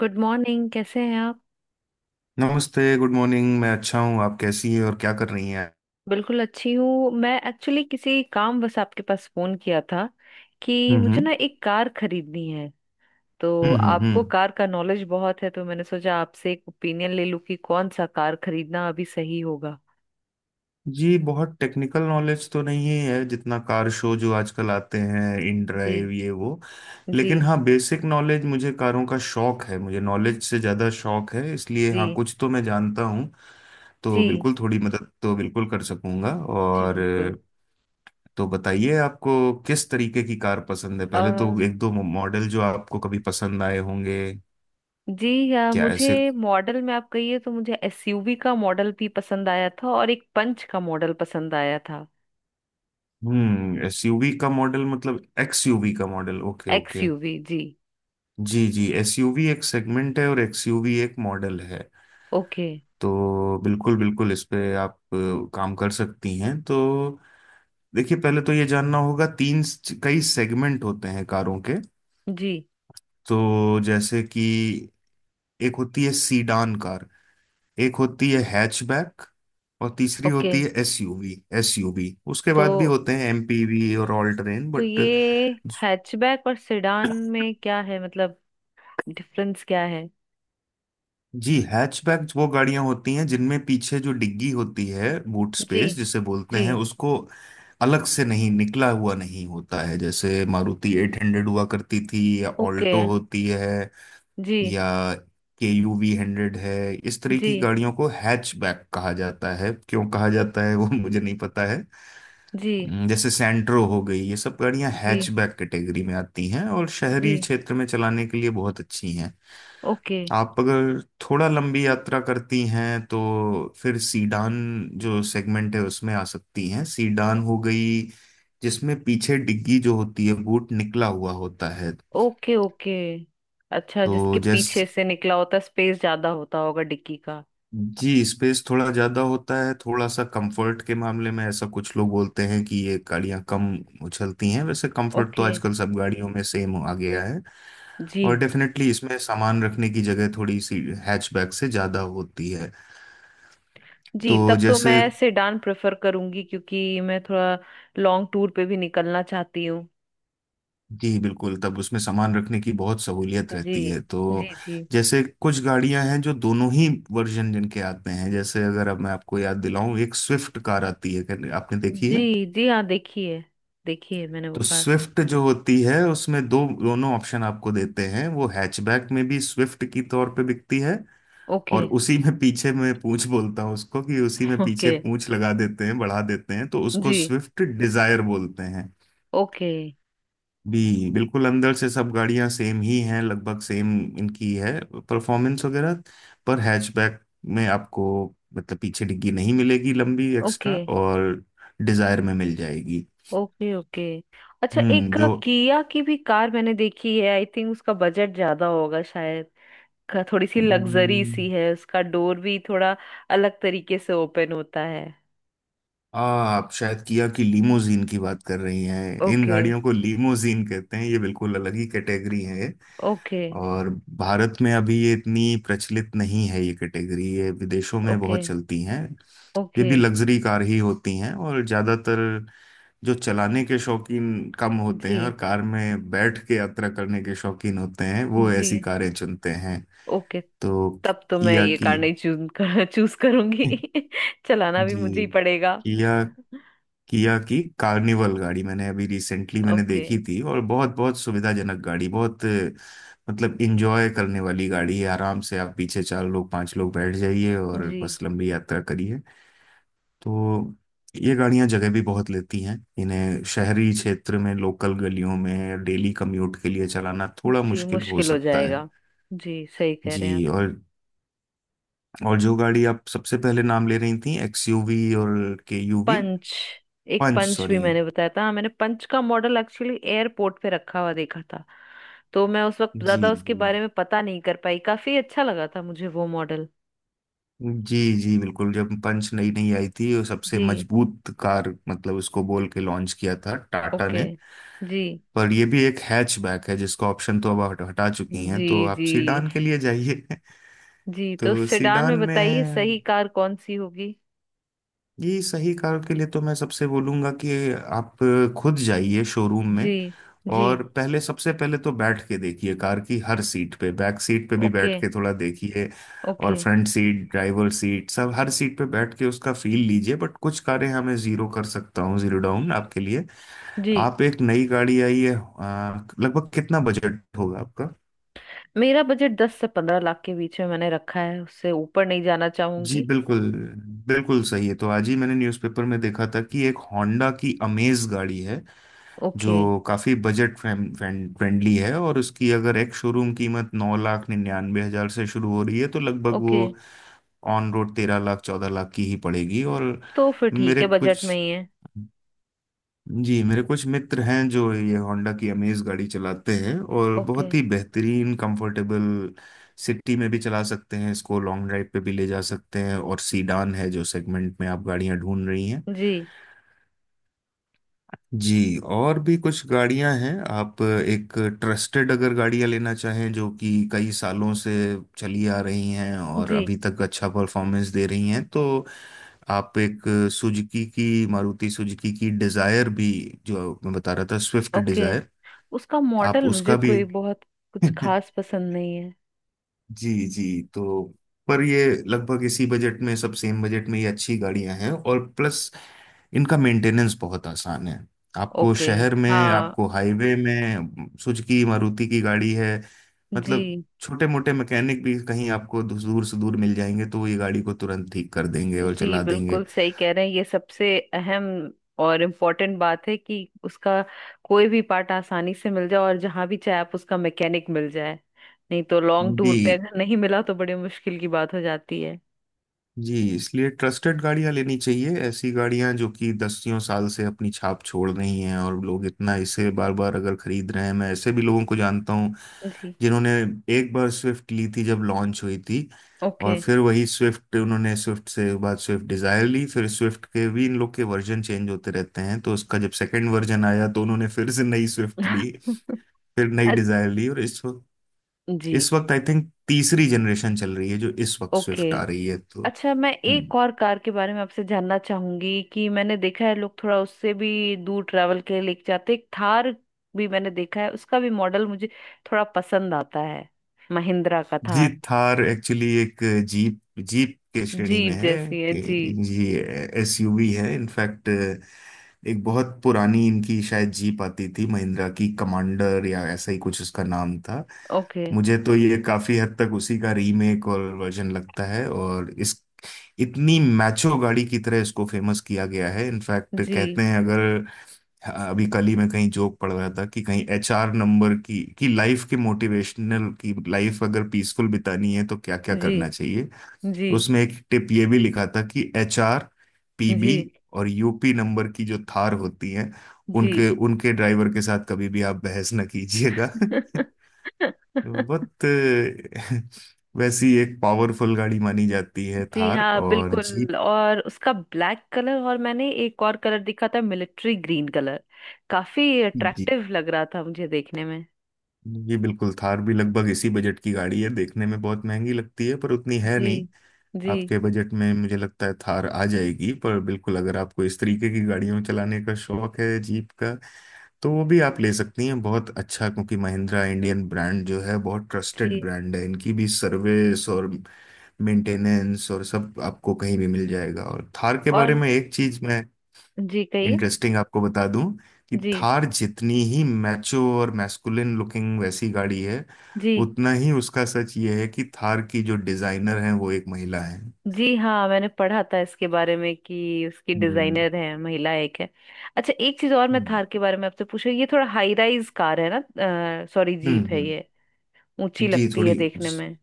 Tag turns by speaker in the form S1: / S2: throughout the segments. S1: Good morning, कैसे हैं आप?
S2: नमस्ते। Good morning. मैं अच्छा हूँ। आप कैसी हैं और क्या कर रही हैं?
S1: बिल्कुल अच्छी हूँ। मैं एक्चुअली किसी काम बस आपके पास फोन किया था कि
S2: हम्म,
S1: मुझे
S2: हम्म,
S1: ना एक कार खरीदनी है। तो
S2: हम्म, हम्म,
S1: आपको कार का नॉलेज बहुत है, तो मैंने सोचा आपसे एक ओपिनियन ले लूँ कि कौन सा कार खरीदना अभी सही होगा।
S2: ये बहुत टेक्निकल नॉलेज तो नहीं है, जितना कार शो जो आजकल आते हैं, इन
S1: जी।
S2: ड्राइव, ये वो।
S1: जी।
S2: लेकिन हाँ, बेसिक नॉलेज, मुझे कारों का शौक है, मुझे नॉलेज से ज़्यादा शौक है, इसलिए हाँ
S1: जी।
S2: कुछ तो मैं जानता हूँ। तो
S1: जी।
S2: बिल्कुल थोड़ी मदद तो बिल्कुल कर सकूंगा,
S1: जी
S2: और
S1: बिल्कुल।
S2: तो बताइए आपको किस तरीके की कार पसंद है।
S1: अ
S2: पहले तो एक दो मॉडल जो आपको कभी पसंद आए होंगे?
S1: जी,
S2: क्या, ऐसे?
S1: मुझे मॉडल में आप कहिए तो मुझे एसयूवी का मॉडल भी पसंद आया था, और एक पंच का मॉडल पसंद आया था।
S2: एसयूवी का मॉडल मतलब एक्सयूवी का मॉडल। Okay, okay.
S1: एक्सयूवी जी।
S2: जी जी, एसयूवी एक सेगमेंट है और एक्सयूवी एक मॉडल है।
S1: ओके।
S2: तो बिल्कुल बिल्कुल इस पे आप काम कर सकती हैं, तो देखिए, पहले तो ये जानना होगा, तीन कई सेगमेंट होते हैं कारों के।
S1: जी।
S2: तो जैसे कि एक होती है सीडान कार, एक होती है हैचबैक, और तीसरी
S1: ओके।
S2: होती है एसयूवी। एसयूवी, उसके
S1: तो
S2: बाद भी होते हैं एमपीवी और ऑल टेरेन,
S1: तो
S2: बट
S1: ये हैचबैक और सेडान में क्या है, मतलब डिफरेंस क्या है?
S2: जी, हैचबैक वो गाड़ियां होती हैं जिनमें पीछे जो डिग्गी होती है, बूट
S1: जी।
S2: स्पेस जिसे बोलते
S1: जी।
S2: हैं उसको, अलग से नहीं निकला हुआ नहीं होता है। जैसे मारुति 800 हुआ करती थी, या
S1: ओके।
S2: ऑल्टो होती है,
S1: जी।
S2: या KUV100 है। इस तरह
S1: जी।
S2: की गाड़ियों को हैचबैक कहा जाता है। क्यों कहा जाता है वो मुझे नहीं पता है।
S1: जी।
S2: जैसे सेंट्रो हो गई, ये सब गाड़ियां
S1: जी।
S2: हैचबैक कैटेगरी में आती हैं और शहरी
S1: जी।
S2: क्षेत्र में चलाने के लिए बहुत अच्छी हैं।
S1: ओके।
S2: आप अगर थोड़ा लंबी यात्रा करती हैं, तो फिर सीडान जो सेगमेंट है उसमें आ सकती हैं। सीडान हो गई जिसमें पीछे डिग्गी जो होती है, बूट निकला हुआ होता है।
S1: ओके। ओके। अच्छा, जिसके
S2: तो
S1: पीछे
S2: जैसे
S1: से निकला होता स्पेस ज्यादा होता होगा डिक्की का।
S2: जी, स्पेस थोड़ा ज्यादा होता है, थोड़ा सा कंफर्ट के मामले में ऐसा कुछ लोग बोलते हैं कि ये गाड़ियां कम उछलती हैं। वैसे कंफर्ट तो
S1: ओके।
S2: आजकल सब गाड़ियों में सेम आ गया है।
S1: जी।
S2: और डेफिनेटली इसमें सामान रखने की जगह थोड़ी सी हैचबैक से ज्यादा होती है। तो
S1: जी, तब तो
S2: जैसे
S1: मैं सेडान प्रेफर करूंगी क्योंकि मैं थोड़ा लॉन्ग टूर पे भी निकलना चाहती हूँ।
S2: जी बिल्कुल, तब उसमें सामान रखने की बहुत सहूलियत
S1: जी।
S2: रहती है, तो
S1: जी। जी।
S2: जैसे कुछ गाड़ियां हैं जो दोनों ही वर्जन जिनके आते हैं, जैसे अगर अब मैं आपको याद दिलाऊं, एक स्विफ्ट कार आती है, आपने देखी है?
S1: जी। जी हाँ देखिए। देखिए, मैंने वो
S2: तो
S1: कार।
S2: स्विफ्ट जो होती है, उसमें दो दोनों ऑप्शन आपको देते हैं। वो हैचबैक में भी स्विफ्ट की तौर पे बिकती है,
S1: ओके।
S2: और उसी में पीछे में पूंछ बोलता हूँ उसको, कि उसी में
S1: ओके।
S2: पीछे पूंछ लगा देते हैं, बढ़ा देते हैं, तो उसको
S1: जी।
S2: स्विफ्ट डिजायर बोलते हैं।
S1: ओके।
S2: बी बिल्कुल अंदर से सब गाड़ियां सेम ही हैं, लगभग सेम इनकी है परफॉर्मेंस वगैरह। पर हैचबैक में आपको मतलब पीछे डिग्गी नहीं मिलेगी लंबी
S1: ओके।
S2: एक्स्ट्रा, और डिजायर में मिल जाएगी।
S1: ओके। ओके। अच्छा, एक
S2: जो
S1: किया की भी कार मैंने देखी है, आई थिंक उसका बजट ज्यादा होगा शायद। थोड़ी सी लग्जरी
S2: हम्म,
S1: सी है, उसका डोर भी थोड़ा अलग तरीके से ओपन होता है।
S2: आप शायद किया की लीमोजीन की बात कर रही हैं। In
S1: okay.
S2: गाड़ियों को लीमोजीन कहते हैं। ये बिल्कुल अलग ही कैटेगरी है ये।
S1: ओके।
S2: और भारत में अभी ये इतनी प्रचलित नहीं है, ये कैटेगरी, ये विदेशों में
S1: ओके।
S2: बहुत चलती हैं। ये
S1: ओके।
S2: भी लग्जरी कार ही होती हैं, और ज्यादातर जो चलाने के शौकीन कम होते
S1: जी।
S2: हैं और कार में बैठ के यात्रा करने के शौकीन होते हैं, वो
S1: जी।
S2: ऐसी कारें चुनते हैं।
S1: ओके।
S2: तो
S1: तब तो मैं
S2: किया
S1: ये
S2: की
S1: कार नहीं चूज करूंगी। चलाना भी
S2: जी,
S1: मुझे ही पड़ेगा।
S2: किया किया की कार्निवल गाड़ी मैंने अभी रिसेंटली मैंने
S1: ओके।
S2: देखी थी, और बहुत बहुत सुविधाजनक गाड़ी, बहुत मतलब इंजॉय करने वाली गाड़ी है। आराम से आप पीछे चार लोग, पांच लोग बैठ जाइए और
S1: जी।
S2: बस लंबी यात्रा करिए। तो ये गाड़ियां जगह भी बहुत लेती हैं, इन्हें शहरी क्षेत्र में लोकल गलियों में डेली कम्यूट के लिए चलाना थोड़ा
S1: जी,
S2: मुश्किल हो
S1: मुश्किल हो
S2: सकता है।
S1: जाएगा। जी, सही कह रहे
S2: जी,
S1: हैं आप।
S2: और जो गाड़ी आप सबसे पहले नाम ले रही थी, एक्सयूवी और केयूवी,
S1: पंच। एक
S2: पंच
S1: पंच भी
S2: सॉरी।
S1: मैंने बताया था। हाँ, मैंने पंच का मॉडल एक्चुअली एयरपोर्ट पे रखा हुआ देखा था। तो मैं उस वक्त
S2: जी,
S1: ज्यादा उसके
S2: जी,
S1: बारे में पता नहीं कर पाई, काफी अच्छा लगा था मुझे वो मॉडल।
S2: जी, जी बिल्कुल, जब पंच नई नई आई थी, वो सबसे
S1: जी।
S2: मजबूत कार मतलब उसको बोल के लॉन्च किया था टाटा
S1: ओके।
S2: ने।
S1: जी।
S2: पर ये भी एक हैचबैक है, जिसका ऑप्शन तो अब हटा चुकी हैं,
S1: जी।
S2: तो आप
S1: जी।
S2: सीडान के लिए जाइए।
S1: जी, तो
S2: तो
S1: सेडान में
S2: सीडान
S1: बताइए सही
S2: में
S1: कार कौन सी होगी?
S2: ये सही कार के लिए तो मैं सबसे बोलूंगा कि आप खुद जाइए शोरूम में।
S1: जी। जी।
S2: और पहले, सबसे पहले तो बैठ के देखिए कार की, हर सीट पे, बैक सीट पे भी
S1: ओके।
S2: बैठ के थोड़ा देखिए। और
S1: okay.
S2: Front seat, driver seat, सब हर सीट पे बैठ के उसका फील लीजिए। बट कुछ कारें हमें जीरो कर सकता हूँ, जीरो डाउन आपके लिए।
S1: जी।
S2: आप, एक नई गाड़ी आई है, लगभग कितना बजट होगा आपका?
S1: मेरा बजट 10 से 15 लाख के बीच में मैंने रखा है, उससे ऊपर नहीं जाना
S2: जी
S1: चाहूंगी।
S2: बिल्कुल, बिल्कुल सही है। तो आज ही मैंने न्यूज़पेपर में देखा था कि एक होंडा की अमेज गाड़ी है,
S1: ओके।
S2: जो काफ़ी बजट फ्रेंडली है, और उसकी अगर एक शोरूम कीमत 9,99,000 से शुरू हो रही है, तो लगभग
S1: ओके,
S2: वो ऑन रोड 13 लाख, 14 लाख की ही पड़ेगी। और
S1: तो फिर ठीक
S2: मेरे
S1: है, बजट में
S2: कुछ
S1: ही है।
S2: जी, मेरे कुछ मित्र हैं जो ये होंडा की अमेज गाड़ी चलाते हैं, और
S1: ओके।
S2: बहुत ही बेहतरीन, कंफर्टेबल, सिटी में भी चला सकते हैं इसको, लॉन्ग ड्राइव पे भी ले जा सकते हैं, और सीडान है जो सेगमेंट में आप गाड़ियां ढूंढ रही हैं।
S1: जी।
S2: जी, और भी कुछ गाड़ियां हैं। आप एक ट्रस्टेड अगर गाड़ियां लेना चाहें जो कि कई सालों से चली आ रही हैं और
S1: जी।
S2: अभी तक अच्छा परफॉर्मेंस दे रही हैं, तो आप एक सुजुकी की, मारुति सुजुकी की डिजायर भी, जो मैं बता रहा था, स्विफ्ट
S1: ओके।
S2: डिजायर,
S1: उसका
S2: आप
S1: मॉडल मुझे
S2: उसका भी
S1: कोई बहुत कुछ खास पसंद नहीं है।
S2: जी जी, तो पर ये लगभग इसी बजट में, सब सेम बजट में, ये अच्छी गाड़ियां हैं, और प्लस इनका मेंटेनेंस बहुत आसान है। आपको
S1: ओके।
S2: शहर में,
S1: हाँ।
S2: आपको हाईवे में, सुजुकी मारुति की गाड़ी है, मतलब
S1: जी।
S2: छोटे मोटे मैकेनिक भी कहीं आपको दूर दूर से, दूर मिल जाएंगे। तो वो ये गाड़ी को तुरंत ठीक कर देंगे और
S1: जी
S2: चला देंगे।
S1: बिल्कुल सही कह रहे हैं, ये सबसे अहम और इम्पोर्टेंट बात है कि उसका कोई भी पार्ट आसानी से मिल जाए और जहाँ भी चाहे आप उसका मैकेनिक मिल जाए, नहीं तो लॉन्ग
S2: जी
S1: टूर पे अगर नहीं मिला तो बड़ी मुश्किल की बात हो जाती है।
S2: जी, इसलिए ट्रस्टेड गाड़ियां लेनी चाहिए। ऐसी गाड़ियां जो कि दसियों साल से अपनी छाप छोड़ रही हैं, और लोग इतना इसे बार बार अगर खरीद रहे हैं, मैं ऐसे भी लोगों को जानता हूँ
S1: जी।
S2: जिन्होंने एक बार स्विफ्ट ली थी जब लॉन्च हुई थी,
S1: ओके।
S2: और फिर वही स्विफ्ट उन्होंने, स्विफ्ट से बाद स्विफ्ट डिजायर ली, फिर स्विफ्ट के भी इन लोग के वर्जन चेंज होते रहते हैं, तो उसका जब सेकंड वर्जन आया तो उन्होंने फिर से नई स्विफ्ट ली, फिर नई
S1: अ-
S2: डिजायर ली, और इस वक्त
S1: जी।
S2: इस वक्त आई थिंक तीसरी जनरेशन चल रही है जो इस वक्त
S1: ओके।
S2: स्विफ्ट आ रही है, तो
S1: अच्छा, मैं
S2: हम्म
S1: एक और कार के बारे में आपसे जानना चाहूंगी कि मैंने देखा है लोग थोड़ा उससे भी दूर ट्रैवल के लिए लेके जाते, एक थार भी मैंने देखा है। उसका भी मॉडल मुझे थोड़ा पसंद आता है। महिंद्रा का
S2: जी,
S1: थार।
S2: थार एक्चुअली एक जीप, जीप के श्रेणी में
S1: जीप
S2: है।
S1: जैसी है
S2: कि
S1: जी।
S2: जी, एसयूवी है इनफैक्ट। एक बहुत पुरानी इनकी शायद जीप आती थी, महिंद्रा की कमांडर या ऐसा ही कुछ उसका नाम था।
S1: ओके।
S2: मुझे तो ये काफी हद तक उसी का रीमेक और वर्जन लगता है, और इस इतनी मैचो गाड़ी की तरह इसको फेमस किया गया है। इनफैक्ट कहते
S1: जी।
S2: हैं अगर हाँ, अभी कल ही मैं कहीं जोक पढ़ रहा था कि कहीं एचआर नंबर की, कि लाइफ के मोटिवेशनल की, लाइफ अगर पीसफुल बितानी है तो क्या क्या
S1: जी।
S2: करना चाहिए।
S1: जी।
S2: तो उसमें एक टिप ये भी लिखा था कि एचआर,
S1: जी।
S2: पीबी और यूपी नंबर की जो थार होती हैं,
S1: जी।
S2: उनके उनके ड्राइवर के साथ कभी भी आप बहस न कीजिएगा। बहुत वैसी एक पावरफुल गाड़ी मानी जाती है
S1: जी
S2: थार,
S1: हाँ
S2: और
S1: बिल्कुल, और उसका ब्लैक कलर, और मैंने एक और कलर दिखा था मिलिट्री ग्रीन कलर, काफी
S2: जीप।
S1: अट्रैक्टिव लग रहा था मुझे देखने में।
S2: जी बिल्कुल, थार भी लगभग इसी बजट की गाड़ी है। देखने में बहुत महंगी लगती है पर उतनी है
S1: जी।
S2: नहीं।
S1: जी।
S2: आपके बजट में मुझे लगता है थार आ जाएगी। पर बिल्कुल, अगर आपको इस तरीके की गाड़ियों चलाने का शौक है, जीप का, तो वो भी आप ले सकती हैं। बहुत अच्छा, क्योंकि महिंद्रा इंडियन ब्रांड जो है, बहुत ट्रस्टेड
S1: जी।
S2: ब्रांड है। इनकी भी सर्विस और मेंटेनेंस और सब आपको कहीं भी मिल जाएगा। और थार के बारे
S1: और
S2: में एक चीज मैं
S1: जी कहिए।
S2: इंटरेस्टिंग आपको बता दूं, कि
S1: जी।
S2: थार जितनी ही मैचो और मैस्कुलिन लुकिंग वैसी गाड़ी है,
S1: जी।
S2: उतना ही उसका सच ये है कि थार की जो डिजाइनर है वो एक महिला है।
S1: जी हाँ, मैंने पढ़ा था इसके बारे में कि उसकी
S2: हम्म,
S1: डिजाइनर है, महिला एक है। अच्छा, एक चीज और मैं
S2: हम्म।
S1: थार के बारे में आपसे पूछूं, ये थोड़ा हाई राइज कार है ना? सॉरी,
S2: हम्म,
S1: जीप है
S2: हम्म।
S1: ये। ऊंची
S2: जी
S1: लगती है
S2: थोड़ी,
S1: देखने में।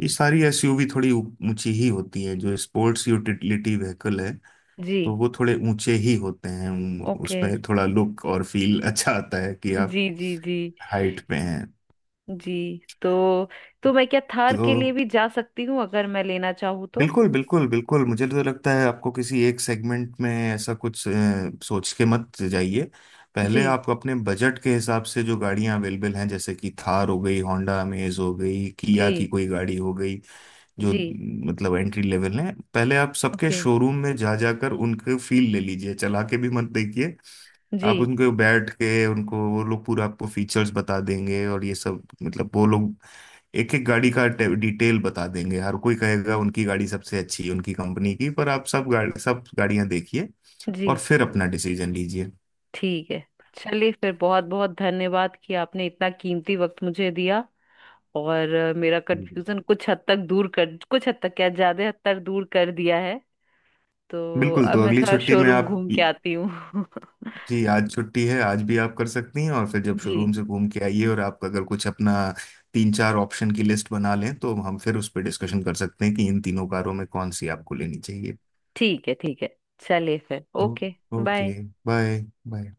S2: ये सारी एसयूवी थोड़ी ऊंची ही होती है, जो स्पोर्ट्स यूटिलिटी व्हीकल है।
S1: जी।
S2: तो वो थोड़े ऊंचे ही होते हैं,
S1: ओके।
S2: उसमें थोड़ा लुक और फील अच्छा आता है कि आप
S1: जी। जी। जी।
S2: हाइट पे हैं।
S1: जी, तो मैं क्या थार के लिए
S2: तो
S1: भी जा सकती हूँ अगर मैं लेना चाहूँ तो?
S2: बिल्कुल बिल्कुल बिल्कुल, मुझे तो लगता है आपको किसी एक सेगमेंट में ऐसा कुछ सोच के मत जाइए।
S1: जी।
S2: पहले आप अपने बजट के हिसाब से जो गाड़ियां अवेलेबल हैं, जैसे कि थार हो गई, होंडा अमेज हो गई,
S1: जी।
S2: किया की कोई गाड़ी हो गई, जो
S1: जी।
S2: मतलब एंट्री लेवल है। पहले आप सबके
S1: ओके।
S2: शोरूम में जा जाकर उनके फील ले लीजिए, चला के भी मत देखिए।
S1: जी।
S2: आप उनको बैठ के, उनको वो लोग पूरा आपको फीचर्स बता देंगे, और ये सब मतलब वो लोग एक एक गाड़ी का डिटेल बता देंगे। हर कोई कहेगा उनकी गाड़ी सबसे अच्छी है, उनकी कंपनी की, पर आप सब गाड़ी, सब गाड़ियां देखिए,
S1: जी।
S2: और फिर अपना डिसीजन लीजिए।
S1: ठीक है। चलिए फिर, बहुत बहुत धन्यवाद कि आपने इतना कीमती वक्त मुझे दिया, और मेरा
S2: जी।
S1: कंफ्यूजन कुछ हद तक दूर कर कुछ हद तक क्या, ज्यादा हद तक दूर कर दिया है। तो
S2: बिल्कुल,
S1: अब
S2: तो
S1: मैं
S2: अगली
S1: थोड़ा
S2: छुट्टी में
S1: शोरूम
S2: आप
S1: घूम के आती हूँ।
S2: जी, आज छुट्टी है, आज भी आप कर सकती हैं। और फिर जब
S1: जी।
S2: शोरूम से घूम के आइए और आप अगर कुछ अपना तीन चार ऑप्शन की लिस्ट बना लें, तो हम फिर उस पर डिस्कशन कर सकते हैं कि इन तीनों कारों में कौन सी आपको लेनी चाहिए।
S1: ठीक है। ठीक है, चलिए फिर।
S2: ओ,
S1: okay. Bye.
S2: Okay. Bye. Bye.